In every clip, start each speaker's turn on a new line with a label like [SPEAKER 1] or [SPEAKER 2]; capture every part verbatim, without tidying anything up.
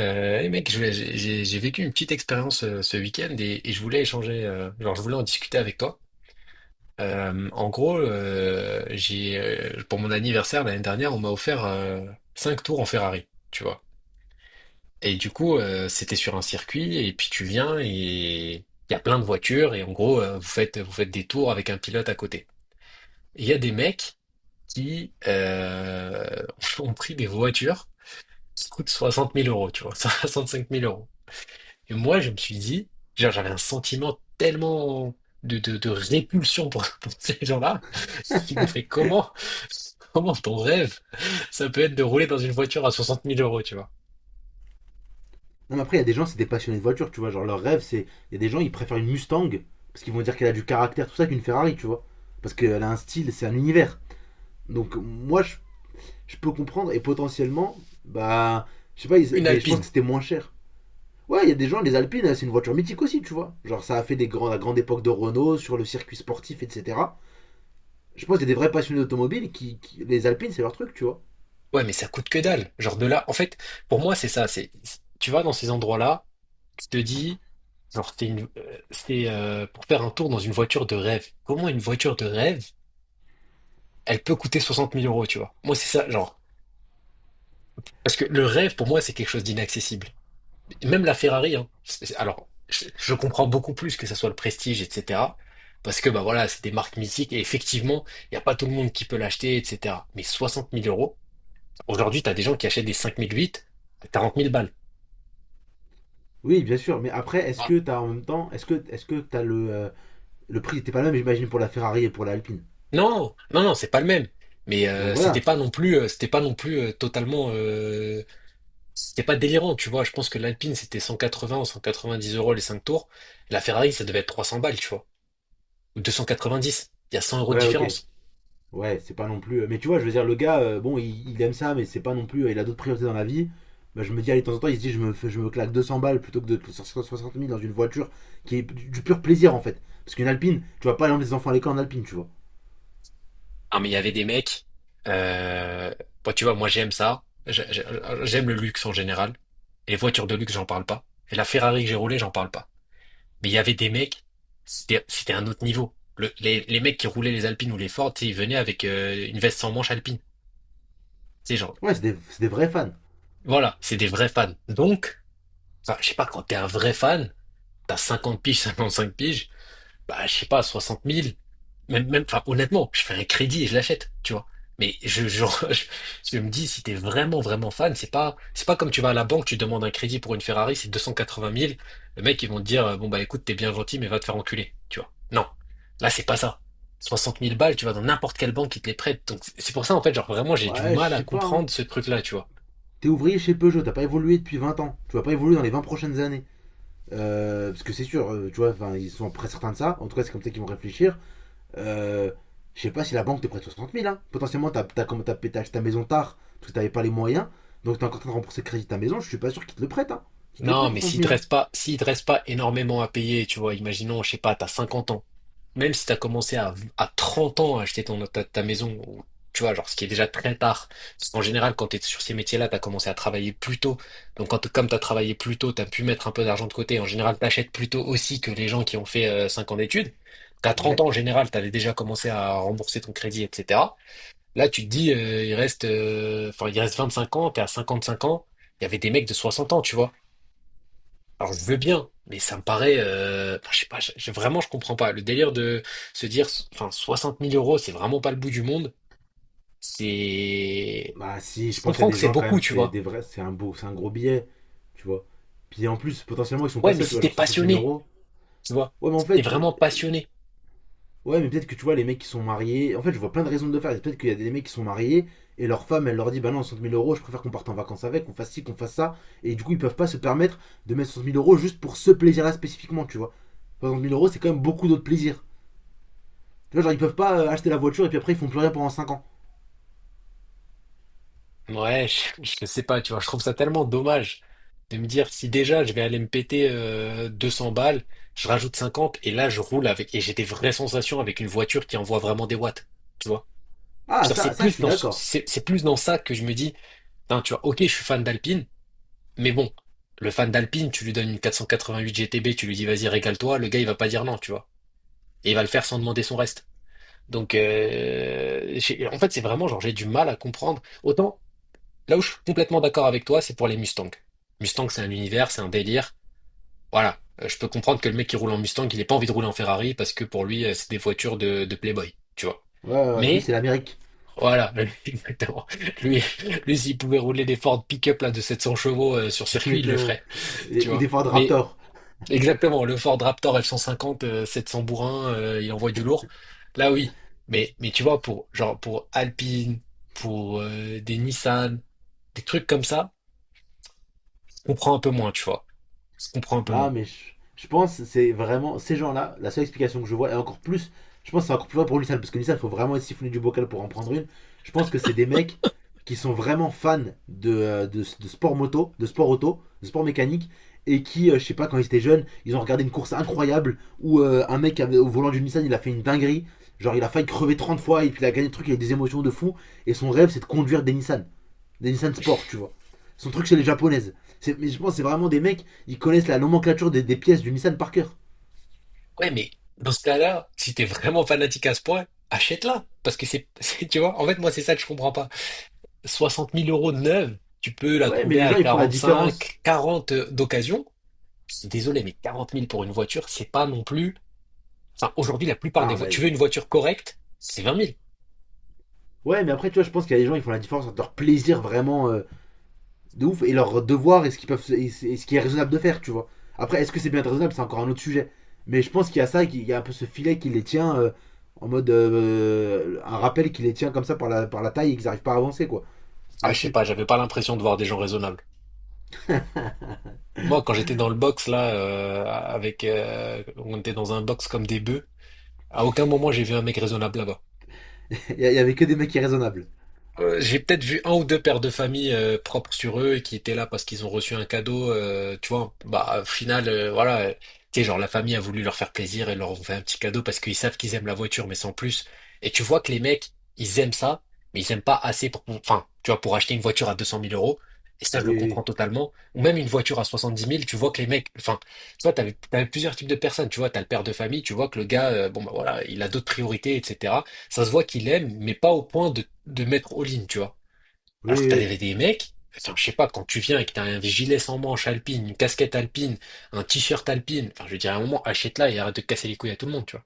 [SPEAKER 1] Euh, et mec, je voulais- j'ai j'ai- j'ai vécu une petite expérience euh, ce week-end et, et je voulais échanger, euh, genre je voulais en discuter avec toi. Euh, en gros, euh, j'ai euh, pour mon anniversaire l'année dernière, on m'a offert euh, cinq tours en Ferrari, tu vois. Et du coup, euh, c'était sur un circuit et puis tu viens et il y a plein de voitures et en gros, euh, vous faites vous faites des tours avec un pilote à côté. Et il y a des mecs qui euh, ont pris des voitures qui coûtent soixante mille euros, tu vois, soixante-cinq mille euros. Et moi, je me suis dit, genre, j'avais un sentiment tellement de, de, de répulsion pour, pour ces gens-là. Je me fait comment, comment ton rêve, ça peut être de rouler dans une voiture à soixante mille euros, tu vois.
[SPEAKER 2] Non, mais après, il y a des gens, c'est des passionnés de voiture, tu vois. Genre, leur rêve, c'est. Il y a des gens, ils préfèrent une Mustang parce qu'ils vont dire qu'elle a du caractère, tout ça, qu'une Ferrari, tu vois. Parce qu'elle a un style, c'est un univers. Donc, moi, je, je peux comprendre et potentiellement, bah. Je sais pas, ils-
[SPEAKER 1] Une
[SPEAKER 2] mais je pense
[SPEAKER 1] Alpine.
[SPEAKER 2] que c'était moins cher. Ouais, il y a des gens, les Alpines, c'est une voiture mythique aussi, tu vois. Genre, ça a fait des grands, la grande époque de Renault sur le circuit sportif, et cetera. Je pense qu'il y a des vrais passionnés d'automobile qui, qui- Les Alpines, c'est leur truc, tu vois.
[SPEAKER 1] Ouais, mais ça coûte que dalle. Genre de là, en fait, pour moi, c'est ça. C'est, tu vas dans ces endroits-là, tu te dis, genre, c'est une, euh, c'est euh, pour faire un tour dans une voiture de rêve. Comment une voiture de rêve, elle peut coûter soixante mille euros, tu vois. Moi, c'est ça, genre. Parce que le rêve, pour moi, c'est quelque chose d'inaccessible. Et même la Ferrari, hein. C'est- Alors, je, je comprends beaucoup plus que ça soit le prestige, et cetera. Parce que bah voilà, c'est des marques mythiques et effectivement, il n'y a pas tout le monde qui peut l'acheter, et cetera. Mais soixante mille euros, aujourd'hui, tu as des gens qui achètent des cinq mille huit à quarante mille balles.
[SPEAKER 2] Oui, bien sûr, mais après, est-ce
[SPEAKER 1] Ah.
[SPEAKER 2] que t'as en même temps. Est-ce que est-ce que t'as le. euh, le prix était pas le même, j'imagine, pour la Ferrari et pour la Alpine.
[SPEAKER 1] Non, non, non, c'est pas le même. Mais
[SPEAKER 2] Donc
[SPEAKER 1] euh, c'était
[SPEAKER 2] voilà.
[SPEAKER 1] pas non plus, euh, c'était pas non plus euh, totalement, euh, c'était pas délirant, tu vois. Je pense que l'Alpine c'était cent quatre-vingts ou cent quatre-vingt-dix euros les cinq tours. La Ferrari, ça devait être trois cents balles, tu vois, ou deux cent quatre-vingt-dix. Il y a cent euros de
[SPEAKER 2] Ouais, ok.
[SPEAKER 1] différence.
[SPEAKER 2] Ouais, c'est pas non plus. euh, Mais tu vois, je veux dire, le gars, euh, bon, il, il aime ça, mais c'est pas non plus. euh, Il a d'autres priorités dans la vie. Bah, je me dis, allez, de temps en temps, il se dit, je me, fais- je me claque deux cents balles plutôt que de te- soixante mille dans une voiture qui est du, du pur plaisir en fait. Parce qu'une alpine, tu vas pas emmener des enfants à l'école en alpine, tu vois.
[SPEAKER 1] Ah, mais il y avait des mecs. Euh... Bon, tu vois, moi j'aime ça. J'ai- j'ai- J'aime le luxe en général. Les voitures de luxe, j'en parle pas. Et la Ferrari que j'ai roulée, j'en parle pas. Mais il y avait des mecs, c'était c'était un autre niveau. Le- les, les mecs qui roulaient les Alpines ou les Ford, tu sais, ils venaient avec euh, une veste sans manche alpine. C'est genre,
[SPEAKER 2] Ouais, c'est des, c'est des vrais fans.
[SPEAKER 1] voilà, c'est des vrais fans. Donc, enfin, je sais pas, quand t'es un vrai fan, t'as cinquante piges, cinq piges, bah, je sais pas, soixante mille. Même, même, enfin, honnêtement, je fais un crédit et je l'achète, tu vois. Mais je, je, je, je me dis, si t'es vraiment, vraiment fan, c'est pas, c'est pas comme tu vas à la banque, tu demandes un crédit pour une Ferrari, c'est deux cent quatre-vingt mille. Le mec, ils vont te dire, euh, bon, bah, écoute, t'es bien gentil, mais va te faire enculer, tu vois. Non. Là, c'est pas ça. Soixante mille balles, tu vas dans n'importe quelle banque qui te les prête. Donc, c'est c'est pour ça, en fait, genre, vraiment, j'ai du
[SPEAKER 2] Ouais, je
[SPEAKER 1] mal à
[SPEAKER 2] sais pas, hein.
[SPEAKER 1] comprendre ce truc-là, tu vois.
[SPEAKER 2] T'es ouvrier chez Peugeot, t'as pas évolué depuis vingt ans. Tu vas pas évoluer dans les vingt prochaines années. Euh, parce que c'est sûr, euh, tu vois, enfin, ils sont très certains de ça. En tout cas, c'est comme ça qu'ils vont réfléchir. Euh, je sais pas si la banque te prête soixante mille. Hein. Potentiellement, t'as as, acheté ta maison tard parce que t'avais pas les moyens. Donc t'es encore en train de rembourser le crédit de ta maison. Je suis pas sûr qu'ils te le prêtent. Hein. Qu'ils te les prêtent
[SPEAKER 1] Non, mais
[SPEAKER 2] 60
[SPEAKER 1] s'il te
[SPEAKER 2] 000. Hein.
[SPEAKER 1] reste pas, s'il te reste pas énormément à payer, tu vois, imaginons, je sais pas, t'as cinquante ans. Même si t'as commencé à, à trente ans à acheter ton, ta, ta maison, ou, tu vois, genre, ce qui est déjà très tard. Parce qu'en général, quand t'es sur ces métiers-là, t'as commencé à travailler plus tôt. Donc, quand, comme t'as travaillé plus tôt, t'as pu mettre un peu d'argent de côté. En général, t'achètes plus tôt aussi que les gens qui ont fait euh, cinq ans d'études. T'as trente ans,
[SPEAKER 2] Ouais.
[SPEAKER 1] en général, t'avais déjà commencé à rembourser ton crédit, et cetera. Là, tu te dis, euh, il reste, euh, enfin, il reste vingt-cinq ans. Tu t'es à cinq ans. Il y avait des mecs de soixante ans, tu vois. Alors je veux bien, mais ça me paraît, euh, enfin, je sais pas, je- je- vraiment je comprends pas. Le délire de se dire, enfin soixante mille euros, c'est vraiment pas le bout du monde. C'est,
[SPEAKER 2] Bah si,
[SPEAKER 1] je
[SPEAKER 2] je pense qu'il y a
[SPEAKER 1] comprends
[SPEAKER 2] des
[SPEAKER 1] que c'est
[SPEAKER 2] gens quand
[SPEAKER 1] beaucoup,
[SPEAKER 2] même,
[SPEAKER 1] tu
[SPEAKER 2] c'est
[SPEAKER 1] vois.
[SPEAKER 2] des vrais, c'est un beau, c'est un gros billet. Tu vois. Puis en plus, potentiellement, ils sont pas
[SPEAKER 1] Ouais, mais
[SPEAKER 2] seuls, tu
[SPEAKER 1] si
[SPEAKER 2] vois,
[SPEAKER 1] t'es
[SPEAKER 2] genre soixante mille
[SPEAKER 1] passionné,
[SPEAKER 2] euros.
[SPEAKER 1] tu vois,
[SPEAKER 2] Ouais, mais en
[SPEAKER 1] si t'es
[SPEAKER 2] fait,
[SPEAKER 1] vraiment passionné,
[SPEAKER 2] ouais, mais peut-être que tu vois, les mecs qui sont mariés. En fait, je vois plein de raisons de le faire. Peut-être qu'il y a des mecs qui sont mariés et leur femme, elle leur dit bah non, soixante mille euros, je préfère qu'on parte en vacances avec, qu'on fasse ci, qu'on fasse ça. Et du coup, ils peuvent pas se permettre de mettre soixante mille euros juste pour ce plaisir-là spécifiquement, tu vois. soixante mille euros, c'est quand même beaucoup d'autres plaisirs. Tu vois, genre, ils peuvent pas euh, acheter la voiture et puis après, ils font plus rien pendant cinq ans.
[SPEAKER 1] ouais, je, je sais pas, tu vois, je trouve ça tellement dommage de me dire si déjà je vais aller me péter euh, deux cents balles, je rajoute cinquante et là je roule avec et j'ai des vraies sensations avec une voiture qui envoie vraiment des watts, tu vois.
[SPEAKER 2] Ah,
[SPEAKER 1] C'est-à-dire, c'est
[SPEAKER 2] ça, ça, je
[SPEAKER 1] plus
[SPEAKER 2] suis
[SPEAKER 1] dans, ce-
[SPEAKER 2] d'accord.
[SPEAKER 1] c'est c'est plus dans ça que je me dis. Non, tu vois, ok, je suis fan d'Alpine, mais bon, le fan d'Alpine, tu lui donnes une quatre cent quatre-vingt-huit G T B, tu lui dis vas-y, régale-toi, le gars, il va pas dire non, tu vois. Et il va le faire sans demander son reste. Donc, euh, j'ai- en fait, c'est vraiment genre, j'ai du mal à comprendre. Autant, là où je suis complètement d'accord avec toi, c'est pour les Mustangs. Mustang, c'est un univers, c'est un délire. Voilà. Euh, Je peux comprendre que le mec qui roule en Mustang, il ait pas envie de rouler en Ferrari parce que pour lui, euh, c'est des voitures de, de Playboy, tu vois.
[SPEAKER 2] Ouais, ouais, ouais, lui,
[SPEAKER 1] Mais,
[SPEAKER 2] c'est l'Amérique.
[SPEAKER 1] voilà, exactement. Lui, lui, s'il pouvait rouler des Ford pick-up là, de sept cents chevaux euh, sur circuit, il le
[SPEAKER 2] Exactement.
[SPEAKER 1] ferait.
[SPEAKER 2] Les-
[SPEAKER 1] Tu
[SPEAKER 2] Ou
[SPEAKER 1] vois.
[SPEAKER 2] des Ford
[SPEAKER 1] Mais
[SPEAKER 2] Raptor.
[SPEAKER 1] exactement, le Ford Raptor F cent cinquante, euh, sept cents bourrins, euh, il envoie du lourd. Là, oui. Mais, mais tu vois, pour, genre, pour Alpine, pour euh, des Nissan, des trucs comme ça, on comprend un peu moins, tu vois. On se comprend un peu
[SPEAKER 2] Non,
[SPEAKER 1] moins.
[SPEAKER 2] mais je, je pense c'est vraiment ces gens-là, la seule explication que je vois, et encore plus, je pense que c'est encore plus vrai pour Nissan, parce que Nissan, il faut vraiment être siphonné du bocal pour en prendre une. Je pense que c'est des mecs qui sont vraiment fans de, euh, de, de sport moto, de sport auto, de sport mécanique, et qui, euh, je sais pas, quand ils étaient jeunes, ils ont regardé une course incroyable où euh, un mec avait- au volant d'une Nissan, il a fait une dinguerie. Genre, il a failli crever trente fois et puis il a gagné le truc avec des émotions de fou. Et son rêve, c'est de conduire des Nissan. Des Nissan Sport, tu vois. Son truc, c'est les japonaises. Mais je pense que c'est vraiment des mecs, ils connaissent la nomenclature des, des pièces du Nissan par cœur.
[SPEAKER 1] Ouais, mais dans ce cas-là, si t'es vraiment fanatique à ce point, achète-la. Parce que c'est, c'est- tu vois, en fait, moi, c'est ça que je comprends pas. soixante mille euros de neuve, tu peux la
[SPEAKER 2] Ouais, mais
[SPEAKER 1] trouver
[SPEAKER 2] les
[SPEAKER 1] à
[SPEAKER 2] gens, ils font la différence.
[SPEAKER 1] quarante-cinq, quarante d'occasion. Je suis désolé, mais quarante mille pour une voiture, c'est pas non plus. Enfin, aujourd'hui, la plupart des
[SPEAKER 2] Non,
[SPEAKER 1] voitures, tu
[SPEAKER 2] mais.
[SPEAKER 1] veux une voiture correcte, c'est vingt mille.
[SPEAKER 2] Ouais, mais après, tu vois, je pense qu'il y a des gens, ils font la différence entre leur plaisir vraiment euh, de ouf et leur devoir et ce qu'ils peuvent, et ce qui est raisonnable de faire, tu vois. Après, est-ce que c'est bien raisonnable? C'est encore un autre sujet. Mais je pense qu'il y a ça, qu'il y a un peu ce filet qui les tient euh, en mode. euh, un rappel qui les tient comme ça par la, par la, taille et qu'ils n'arrivent pas à avancer, quoi.
[SPEAKER 1] Ah, je sais
[SPEAKER 2] Là-dessus.
[SPEAKER 1] pas, j'avais pas l'impression de voir des gens raisonnables. Moi, quand j'étais dans le box, là, euh, avec, euh, on était dans un box comme des bœufs, à aucun moment j'ai vu un mec raisonnable là-bas.
[SPEAKER 2] Il y avait que des mecs irraisonnables.
[SPEAKER 1] Euh, j'ai peut-être vu un ou deux pères de famille euh, propres sur eux et qui étaient là parce qu'ils ont reçu un cadeau. Euh, tu vois, bah, au final, euh, voilà, euh, tu sais, genre la famille a voulu leur faire plaisir et leur ont fait un petit cadeau parce qu'ils savent qu'ils aiment la voiture, mais sans plus. Et tu vois que les mecs, ils aiment ça, mais ils aiment pas assez pour, enfin, tu vois, pour acheter une voiture à deux cent mille euros. Et ça, je le
[SPEAKER 2] Oui,
[SPEAKER 1] comprends totalement. Ou même une voiture à soixante-dix mille. Tu vois que les mecs, enfin, tu vois, t'avais, t'avais plusieurs types de personnes. Tu vois, t'as le père de famille, tu vois que le gars, euh, bon, bah voilà, il a d'autres priorités, et cetera. Ça se voit qu'il aime, mais pas au point de, de mettre all-in, tu vois.
[SPEAKER 2] oui,
[SPEAKER 1] Alors que
[SPEAKER 2] oui.
[SPEAKER 1] t'as
[SPEAKER 2] Oui.
[SPEAKER 1] des, des mecs, enfin, je sais pas, quand tu viens et que t'as un gilet sans manches alpine, une casquette alpine, un t-shirt alpine, enfin, je veux dire, à un moment, achète-la et arrête de casser les couilles à tout le monde, tu vois.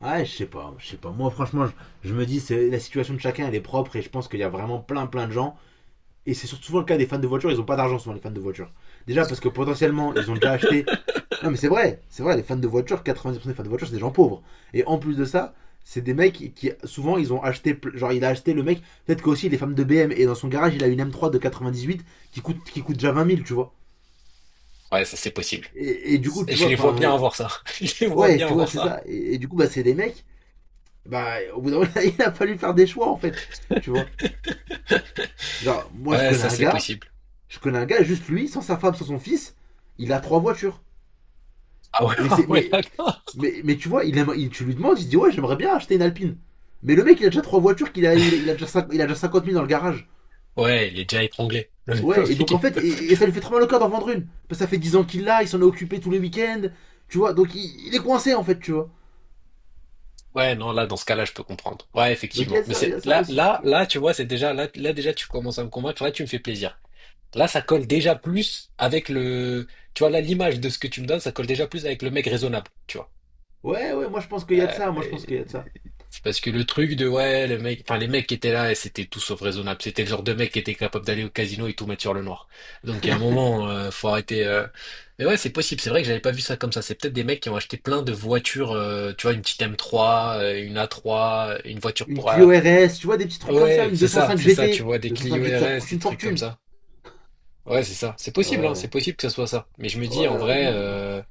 [SPEAKER 2] Ouais, je sais pas, je sais pas. Moi, franchement, je, je me dis, c'est la situation de chacun, elle est propre et je pense qu'il y a vraiment plein, plein de gens. Et c'est surtout souvent le cas des fans de voitures, ils ont pas d'argent souvent les fans de voitures. Déjà parce que potentiellement, ils ont déjà acheté. Non, mais c'est vrai, c'est vrai, les fans de voitures, quatre-vingt-dix pour cent des fans de voitures, c'est des gens pauvres. Et en plus de ça, c'est des mecs qui, qui, souvent, ils ont acheté, genre, il a acheté le mec, peut-être qu'aussi il est fan de B M et dans son garage, il a une M trois de quatre-vingt-dix-huit qui coûte, qui coûte déjà vingt mille, tu vois.
[SPEAKER 1] Ouais, ça, c'est possible.
[SPEAKER 2] Et, et du coup,
[SPEAKER 1] Et
[SPEAKER 2] tu
[SPEAKER 1] je
[SPEAKER 2] vois,
[SPEAKER 1] les vois
[SPEAKER 2] enfin,
[SPEAKER 1] bien avoir ça. Je les vois
[SPEAKER 2] ouais,
[SPEAKER 1] bien
[SPEAKER 2] tu vois,
[SPEAKER 1] avoir
[SPEAKER 2] c'est
[SPEAKER 1] ça.
[SPEAKER 2] ça. Et, et du coup, bah, c'est des mecs bah, au bout d'un moment, il a fallu faire des choix, en fait. Tu vois. Genre, moi, je
[SPEAKER 1] Ouais,
[SPEAKER 2] connais
[SPEAKER 1] ça,
[SPEAKER 2] un
[SPEAKER 1] c'est
[SPEAKER 2] gars,
[SPEAKER 1] possible.
[SPEAKER 2] je connais un gars, juste lui, sans sa femme, sans son fils, il a trois voitures.
[SPEAKER 1] Ah ouais,
[SPEAKER 2] Et
[SPEAKER 1] ah
[SPEAKER 2] c'est,
[SPEAKER 1] ouais,
[SPEAKER 2] mais,
[SPEAKER 1] d'accord.
[SPEAKER 2] mais, mais tu vois, il aime, il- tu lui demandes, il se dit, ouais, j'aimerais bien acheter une Alpine. Mais le mec, il a déjà trois voitures, qu'il a, il, a- il a déjà cinq- il a déjà cinquante mille dans le garage.
[SPEAKER 1] Ouais, il est déjà étranglé. Le le
[SPEAKER 2] Ouais, et
[SPEAKER 1] mec,
[SPEAKER 2] donc en
[SPEAKER 1] il
[SPEAKER 2] fait,
[SPEAKER 1] peut-
[SPEAKER 2] et, et ça lui fait très mal au cœur d'en vendre une. Parce que ça fait dix ans qu'il l'a, il s'en est occupé tous les week-ends. Tu vois, donc il, il est coincé, en fait, tu vois.
[SPEAKER 1] ouais, non, là, dans ce cas-là, je peux comprendre. Ouais,
[SPEAKER 2] Donc il y
[SPEAKER 1] effectivement.
[SPEAKER 2] a
[SPEAKER 1] Mais
[SPEAKER 2] ça, il y a
[SPEAKER 1] c'est,
[SPEAKER 2] ça
[SPEAKER 1] là,
[SPEAKER 2] aussi.
[SPEAKER 1] là,
[SPEAKER 2] Tu vois.
[SPEAKER 1] là, tu vois, c'est déjà, là, là, déjà, tu commences à me convaincre. Là, tu me fais plaisir. Là, ça colle déjà plus avec le. Tu vois, là, l'image de ce que tu me donnes, ça colle déjà plus avec le mec raisonnable, tu vois.
[SPEAKER 2] Ouais, ouais, moi, je pense qu'il y a de ça, moi, je
[SPEAKER 1] Euh,
[SPEAKER 2] pense qu'il y a de ça.
[SPEAKER 1] C'est parce que le truc de, ouais, le mec, enfin, les mecs qui étaient là, c'était tout sauf raisonnable. C'était le genre de mec qui était capable d'aller au casino et tout mettre sur le noir. Donc, il y a un moment, euh, faut arrêter. euh. Mais ouais, c'est possible. C'est vrai que j'avais pas vu ça comme ça. C'est peut-être des mecs qui ont acheté plein de voitures, euh, tu vois, une petite M trois, euh, une A trois, une voiture
[SPEAKER 2] Une
[SPEAKER 1] pour. euh,
[SPEAKER 2] Clio R S, tu vois, des petits trucs comme ça,
[SPEAKER 1] Ouais,
[SPEAKER 2] une
[SPEAKER 1] c'est ça,
[SPEAKER 2] deux cent cinq
[SPEAKER 1] c'est ça, tu
[SPEAKER 2] G T.
[SPEAKER 1] vois, des
[SPEAKER 2] deux cent cinq
[SPEAKER 1] Clio
[SPEAKER 2] G T, ça
[SPEAKER 1] R S,
[SPEAKER 2] coûte
[SPEAKER 1] des
[SPEAKER 2] une
[SPEAKER 1] trucs comme
[SPEAKER 2] fortune.
[SPEAKER 1] ça. Ouais, c'est ça. C'est possible, hein, c'est
[SPEAKER 2] Ouais,
[SPEAKER 1] possible que ce soit ça. Mais je me
[SPEAKER 2] ouais,
[SPEAKER 1] dis, en
[SPEAKER 2] ouais,
[SPEAKER 1] vrai,
[SPEAKER 2] non.
[SPEAKER 1] euh,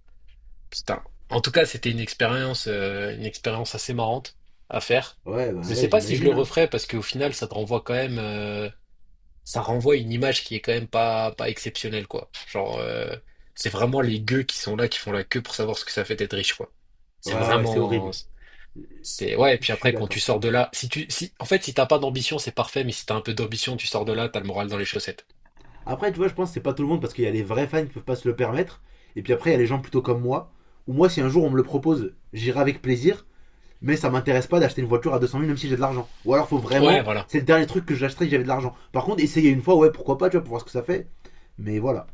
[SPEAKER 1] putain. En tout cas, c'était une expérience, euh, une expérience assez marrante à faire.
[SPEAKER 2] Ouais, bah
[SPEAKER 1] Je sais
[SPEAKER 2] ouais,
[SPEAKER 1] pas si je le
[SPEAKER 2] j'imagine. Hein.
[SPEAKER 1] referais parce qu'au final, ça te renvoie quand même, euh, ça renvoie une image qui est quand même pas, pas exceptionnelle, quoi. Genre, euh, c'est vraiment les gueux qui sont là, qui font la queue pour savoir ce que ça fait d'être riche, quoi. C'est
[SPEAKER 2] Ouais, ouais, c'est
[SPEAKER 1] vraiment,
[SPEAKER 2] horrible.
[SPEAKER 1] c'est, ouais. Et
[SPEAKER 2] Je
[SPEAKER 1] puis
[SPEAKER 2] suis
[SPEAKER 1] après, quand tu
[SPEAKER 2] d'accord.
[SPEAKER 1] sors de là, si tu, si, en fait, si t'as pas d'ambition, c'est parfait. Mais si t'as un peu d'ambition, tu sors de là, t'as le moral dans les chaussettes.
[SPEAKER 2] Après, tu vois, je pense que c'est pas tout le monde parce qu'il y a les vrais fans qui peuvent pas se le permettre. Et puis après, il y a les gens plutôt comme moi. Ou moi, si un jour on me le propose, j'irai avec plaisir. Mais ça m'intéresse pas d'acheter une voiture à deux cent mille même si j'ai de l'argent. Ou alors, faut
[SPEAKER 1] Ouais,
[SPEAKER 2] vraiment,
[SPEAKER 1] voilà.
[SPEAKER 2] c'est le dernier truc que j'achèterai si j'avais de l'argent. Par contre, essayer une fois, ouais, pourquoi pas, tu vois, pour voir ce que ça fait. Mais voilà.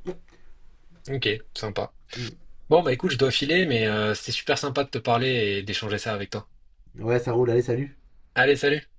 [SPEAKER 1] Ok, sympa.
[SPEAKER 2] Mm.
[SPEAKER 1] Bon, bah écoute, je dois filer, mais euh, c'était super sympa de te parler et d'échanger ça avec toi.
[SPEAKER 2] Ouais, ça roule, allez, salut.
[SPEAKER 1] Allez, salut!